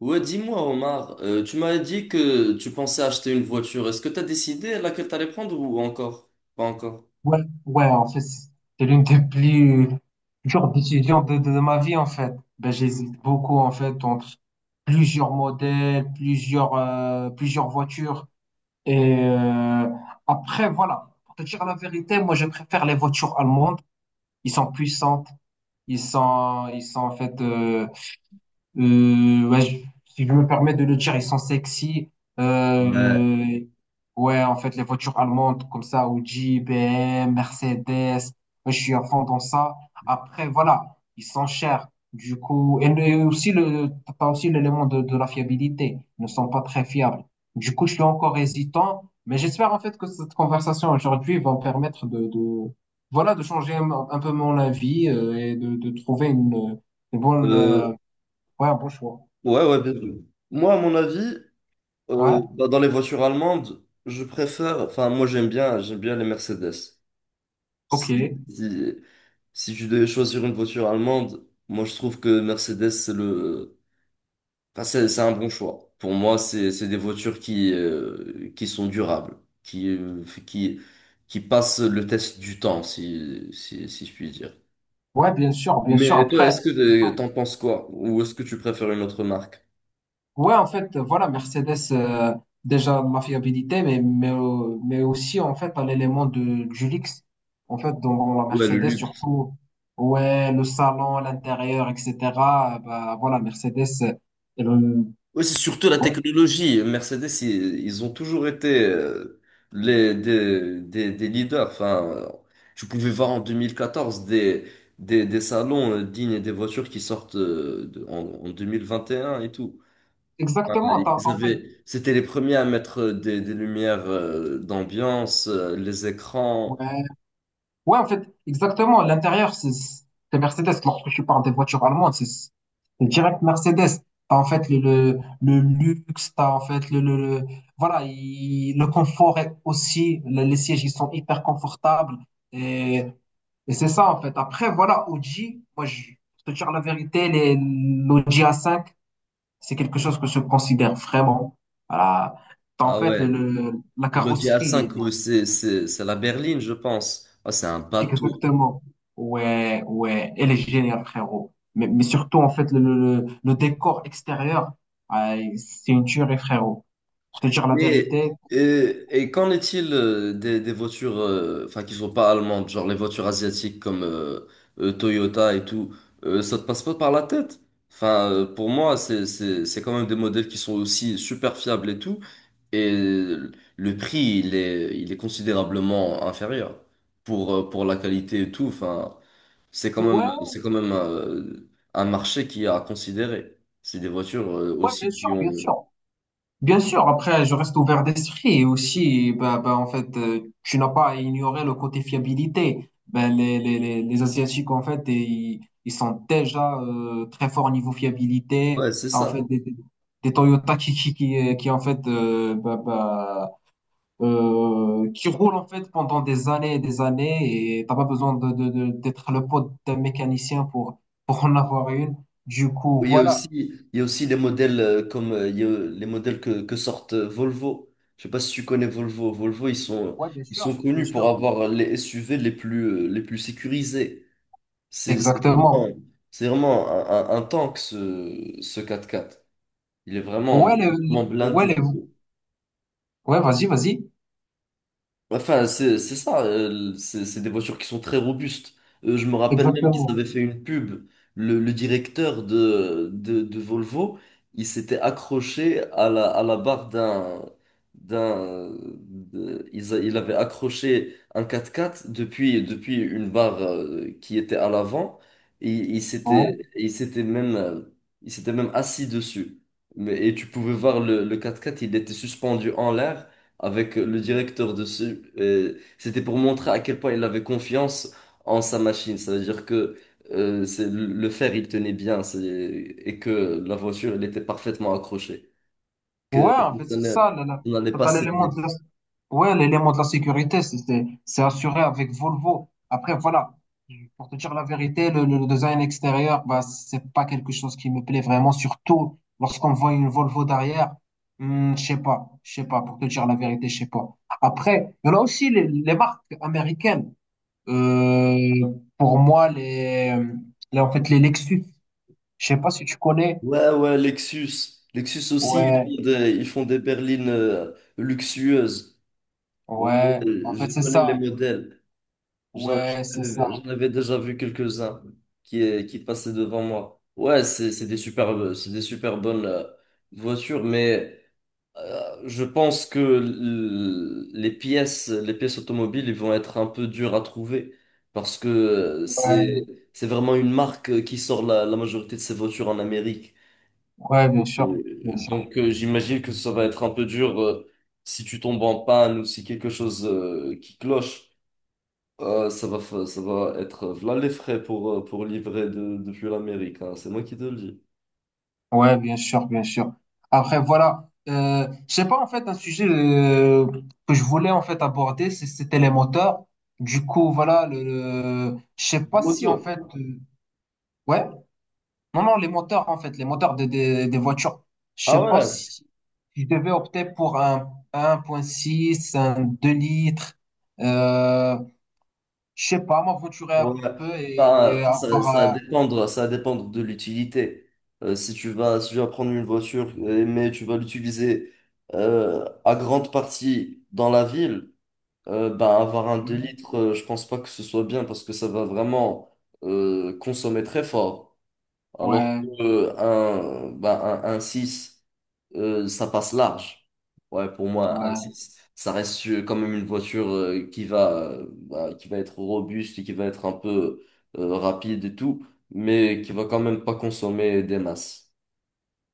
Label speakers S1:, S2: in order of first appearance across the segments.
S1: Ouais, dis-moi, Omar, tu m'avais dit que tu pensais acheter une voiture. Est-ce que tu as décidé laquelle t'allais prendre ou encore? Pas encore.
S2: Ouais, ouais, en fait, c'est l'une des plus dures décisions de ma vie, en fait. Ben, j'hésite beaucoup, en fait, entre plusieurs modèles, plusieurs voitures. Et euh, Après, voilà, pour te dire la vérité, moi, je préfère les voitures allemandes. Ils sont puissantes. Ils sont en fait, ouais, si je me permets de le dire, ils sont sexy. Euh, ouais, en fait, les voitures allemandes comme ça, Audi, BM, Mercedes, moi, je suis à fond dans ça. Après, voilà, ils sont chers. Du coup, t'as aussi l'élément de la fiabilité. Ils ne sont pas très fiables. Du coup, je suis encore hésitant, mais j'espère en fait que cette conversation aujourd'hui va me permettre voilà, de changer un peu mon avis et de trouver une bonne
S1: Euh,
S2: ouais, un bon choix.
S1: ouais, ouais, bien sûr. Moi, à mon avis,
S2: Ouais,
S1: bah, dans les voitures allemandes, je préfère, enfin, moi, j'aime bien les Mercedes.
S2: ok.
S1: Si, si, si tu devais choisir une voiture allemande, moi, je trouve que Mercedes. Enfin, c'est un bon choix. Pour moi, c'est des voitures qui sont durables, qui euh, qui qui passent le test du temps, si je puis dire.
S2: Ouais, bien sûr, bien sûr.
S1: Mais toi,
S2: Après,
S1: est-ce que t'en penses quoi? Ou est-ce que tu préfères une autre marque?
S2: ouais, en fait, voilà, Mercedes, déjà ma fiabilité, mais aussi, en fait, à l'élément du luxe. En fait, dans la
S1: Ouais, le
S2: Mercedes,
S1: luxe.
S2: surtout, ouais, le salon, l'intérieur, etc. Voilà, elle, euh,
S1: Ouais, c'est surtout la
S2: ouais,
S1: technologie. Mercedes, ils ont toujours été des leaders. Enfin, tu pouvais voir en 2014 des salons dignes des voitures qui sortent en 2021 et un et tout. Ah,
S2: exactement.
S1: Ils
S2: En fait,
S1: avaient, c'était les premiers à mettre des lumières d'ambiance, les écrans.
S2: ouais, ouais, en fait, exactement. L'intérieur, c'est Mercedes. Lorsque je parle des voitures allemandes, c'est direct Mercedes. T'as en fait le luxe, t'as en fait voilà, le confort est aussi, les sièges, ils sont hyper confortables. Et, et c'est ça, en fait. Après, voilà, Audi, moi, je, pour te dire la vérité, l'Audi A5, c'est quelque chose que je considère vraiment. Voilà. T'as en
S1: Ah
S2: fait
S1: ouais,
S2: la
S1: l'Audi
S2: carrosserie.
S1: A5, ouais, c'est la berline, je pense. Ah, c'est un bateau.
S2: Exactement. Ouais, ouais, elle est géniale, frérot. Mais surtout, en fait, le décor extérieur, ah, c'est une tuerie, frérot. Pour te dire la
S1: Mais
S2: vérité,
S1: et qu'en est-il des voitures, enfin qui sont pas allemandes, genre les voitures asiatiques comme Toyota et tout, ça te passe pas par la tête? Enfin, pour moi, c'est quand même des modèles qui sont aussi super fiables et tout. Et le prix, il est considérablement inférieur pour la qualité et tout. Enfin, c'est quand
S2: ouais,
S1: même, c'est quand même euh, un marché qui a à considérer. C'est des voitures
S2: ouais, bien
S1: aussi
S2: sûr,
S1: qui
S2: bien
S1: ont.
S2: sûr. Bien sûr, après, je reste ouvert d'esprit et aussi, tu n'as pas à ignorer le côté fiabilité. Ben, les Asiatiques, en fait, ils sont déjà très forts au niveau fiabilité.
S1: Ouais, c'est
S2: En
S1: ça.
S2: fait, des Toyota qui, en fait, qui roulent, en fait, pendant des années et t'as pas besoin d'être le pote d'un mécanicien pour en avoir une. Du coup,
S1: Oui, Il y a aussi,
S2: voilà.
S1: il y a aussi des modèles comme il y a les modèles que sortent Volvo. Je sais pas si tu connais Volvo. Volvo, ils sont,
S2: Ouais, bien
S1: ils
S2: sûr,
S1: sont
S2: bien
S1: connus pour
S2: sûr.
S1: avoir les SUV les plus sécurisés. C'est c'est vraiment,
S2: Exactement.
S1: c'est vraiment un tank, ce quatre quatre. Il est vraiment,
S2: Ouais, les,
S1: il est vraiment
S2: ouais, les-
S1: blindé.
S2: ouais, vas-y, vas-y.
S1: Ouais, enfin, c'est ça, c'est des voitures qui sont très robustes. Je me rappelle même qu'ils
S2: Exactement.
S1: avaient fait une pub. Le directeur de Volvo, il s'était accroché à la barre d'un, d'un, de- ils a- il avait accroché un 4x4 depuis une barre qui était à l'avant. Et
S2: Ouais.
S1: il s'était même assis dessus. Et tu pouvais voir le 4x4, il était suspendu en l'air avec le directeur dessus. C'était pour montrer à quel point il avait confiance en sa machine. Ça veut dire que c'est le fer, il tenait bien et que la voiture, elle était parfaitement accrochée. Que
S2: Ouais, en fait,
S1: ça
S2: c'est
S1: ne-
S2: ça. Là, là.
S1: on n'allait
S2: T'as
S1: pas
S2: t'as l'élément de
S1: céder.
S2: la, ouais, l'élément de la sécurité, c'est assuré avec Volvo. Après, voilà. Pour te dire la vérité, le design extérieur, bah, c'est pas quelque chose qui me plaît vraiment, surtout lorsqu'on voit une Volvo derrière. Hmm, je sais pas, pour te dire la vérité, je sais pas. Après, il y en a aussi les marques américaines. Pour moi, en fait, les Lexus. Je sais pas si tu connais.
S1: Ouais, ouais, Lexus. Lexus aussi,
S2: Ouais,
S1: ils font des berlines luxueuses. Ouais,
S2: ouais. En
S1: ouais,
S2: fait,
S1: je
S2: c'est
S1: connais les
S2: ça.
S1: modèles. J'en
S2: Ouais, c'est ça.
S1: j'en avais déjà vu quelques-uns qui passaient devant moi. Ouais, c'est des super bonnes voitures, mais je pense que les pièces, les pièces automobiles, ils vont être un peu dures à trouver parce que c'est
S2: Ouais,
S1: c'est vraiment une marque qui sort la majorité de ses voitures en Amérique.
S2: ouais, bien sûr, bien sûr.
S1: Donc j'imagine que ça va être un peu dur si tu tombes en panne ou si quelque chose qui cloche. Ça va être voilà les frais pour livrer depuis l'Amérique, hein. C'est moi qui te le dis.
S2: Ouais, bien sûr, bien sûr. Après, voilà. Je sais pas, en fait, un sujet que je voulais en fait aborder, c'était les moteurs. Du coup, voilà, je sais
S1: Du
S2: pas si en
S1: moto.
S2: fait, ouais, non, non, les moteurs en fait, les moteurs des voitures. Je
S1: Ah
S2: sais pas
S1: ouais,
S2: si je devais opter pour un point six un 2 litres. euh, Je sais pas, m'aventurer un
S1: ouais.
S2: peu
S1: Enfin,
S2: et
S1: enfin, ça, ça va
S2: avoir.
S1: dépendre, ça va dépendre de l'utilité. Si tu vas prendre une voiture, mais tu vas l'utiliser à grande partie dans la ville, bah, avoir un deux
S2: euh,
S1: litres, je pense pas que ce soit bien parce que ça va vraiment consommer très fort. Alors
S2: ouais,
S1: que un, un 6, ça passe large. Ouais, pour moi, un
S2: ouais,
S1: 6 ça reste quand même une voiture bah, qui va être robuste et qui va être un peu rapide et tout, mais qui va quand même pas consommer des masses.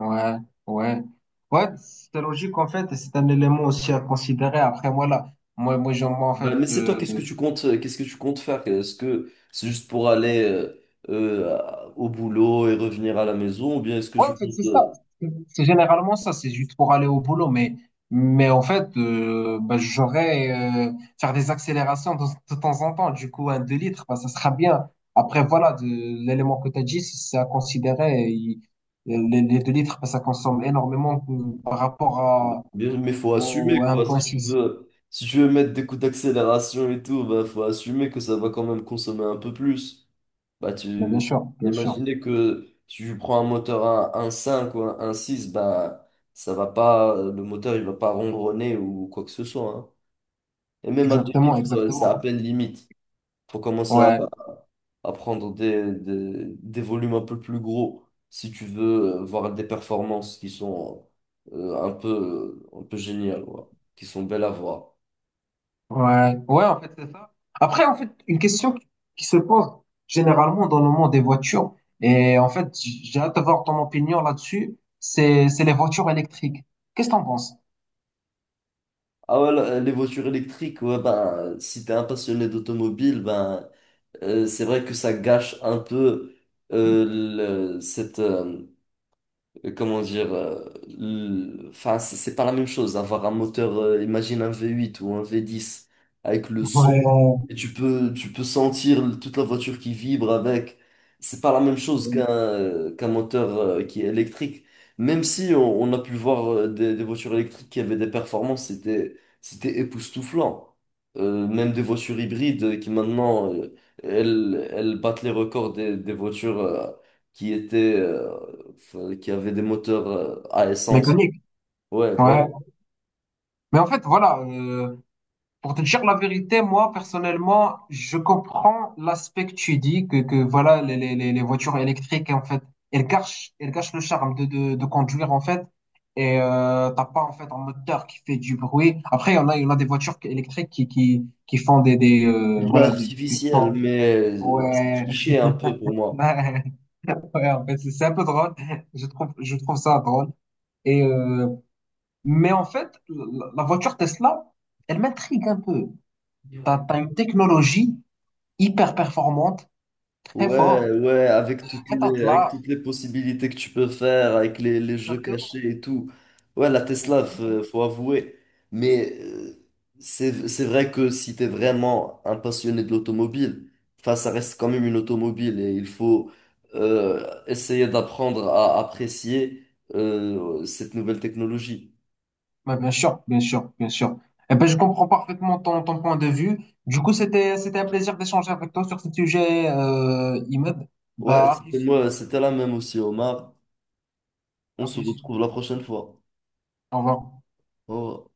S2: ouais, ouais. Ouais, c'est logique en fait, et c'est un élément aussi à considérer. Après, moi, en
S1: Bah,
S2: fait,
S1: mais c'est toi, qu'est-ce que tu comptes, qu'est-ce que tu comptes faire? Est-ce que c'est juste pour aller euh, au boulot et revenir à la maison, ou bien est-ce que
S2: ouais,
S1: tu
S2: en fait, c'est
S1: comptes...
S2: ça.
S1: euh,
S2: C'est généralement ça, c'est juste pour aller au boulot. Mais en fait, j'aurais euh, faire des accélérations de temps en temps. Du coup, un 2 litres, bah, ça sera bien. Après, voilà, l'élément que tu as dit, c'est à considérer. Les 2 litres, bah, ça consomme énormément par rapport à,
S1: Bien, mais faut assumer
S2: au
S1: quoi. Si tu
S2: 1,6.
S1: veux, si tu veux mettre des coups d'accélération et tout, bah faut assumer que ça va quand même consommer un peu plus. Bah
S2: Mais bien
S1: tu
S2: sûr, bien sûr.
S1: imaginer que tu prends un moteur à un cinq ou un six bah ça va pas, le moteur il va pas ronronner ou quoi que ce soit, hein. Et même à 2
S2: Exactement,
S1: litres, c'est
S2: exactement.
S1: à peine limite. Faut commencer à
S2: Ouais.
S1: à prendre des volumes un peu plus gros si tu veux voir des performances qui sont un peu géniales, ouais, qui sont belles à voir.
S2: Ouais, ouais, en fait, c'est ça. Après, en fait, une question qui se pose généralement dans le monde des voitures, et en fait, j'ai hâte de voir ton opinion là-dessus, c'est les voitures électriques. Qu'est-ce que t'en penses?
S1: Ah ouais, les voitures électriques, ouais, ben, si t'es un passionné d'automobile, ben, c'est vrai que ça gâche un peu euh, cette, comment dire, enfin, c'est pas la même chose. Avoir un moteur, imagine un V8 ou un V10 avec le son,
S2: Ouais.
S1: et tu peux sentir toute la voiture qui vibre avec. C'est pas la même chose qu'un moteur qui est électrique. Même si on a pu voir des voitures électriques qui avaient des performances, c'était époustouflant. Même des voitures hybrides qui maintenant, elles battent les records des voitures qui étaient euh, qui avait des moteurs à essence.
S2: Mécanique.
S1: Ouais, voilà.
S2: Ouais. Mais en fait, voilà, pour te dire la vérité, moi, personnellement, je comprends l'aspect que tu dis, que voilà, les voitures électriques, en fait, elles cachent, elles cachent le charme de conduire, en fait. Et t'as pas, en fait, un moteur qui fait du bruit. Après, il y en a, il y en a des voitures électriques qui font des
S1: Bleu
S2: voilà, du
S1: artificiel,
S2: son.
S1: mais c'est
S2: Ouais.
S1: triché un peu pour moi.
S2: Ouais, en fait, c'est un peu drôle. Je trouve ça drôle. Et mais en fait, la voiture Tesla, elle m'intrigue un peu. T'as une technologie hyper performante, très fort,
S1: Ouais, ouais, avec toutes
S2: très tas de
S1: les, avec
S2: l'art.
S1: toutes les possibilités que tu peux faire, avec les jeux
S2: Exactement.
S1: cachés et tout. Ouais, la Tesla, faut avouer. Mais c'est vrai que si t'es vraiment un passionné de l'automobile, enfin, ça reste quand même une automobile et il faut essayer d'apprendre à apprécier cette nouvelle technologie.
S2: Ouais, bien sûr, bien sûr, bien sûr. Eh ben, je comprends parfaitement ton point de vue. Du coup, c'était un plaisir d'échanger avec toi sur ce sujet, Imad.
S1: Ouais,
S2: Bah, à
S1: c'était
S2: plus,
S1: moi, c'était la même aussi, Omar. On
S2: à
S1: se
S2: plus.
S1: retrouve la prochaine fois.
S2: Au revoir.
S1: Au revoir.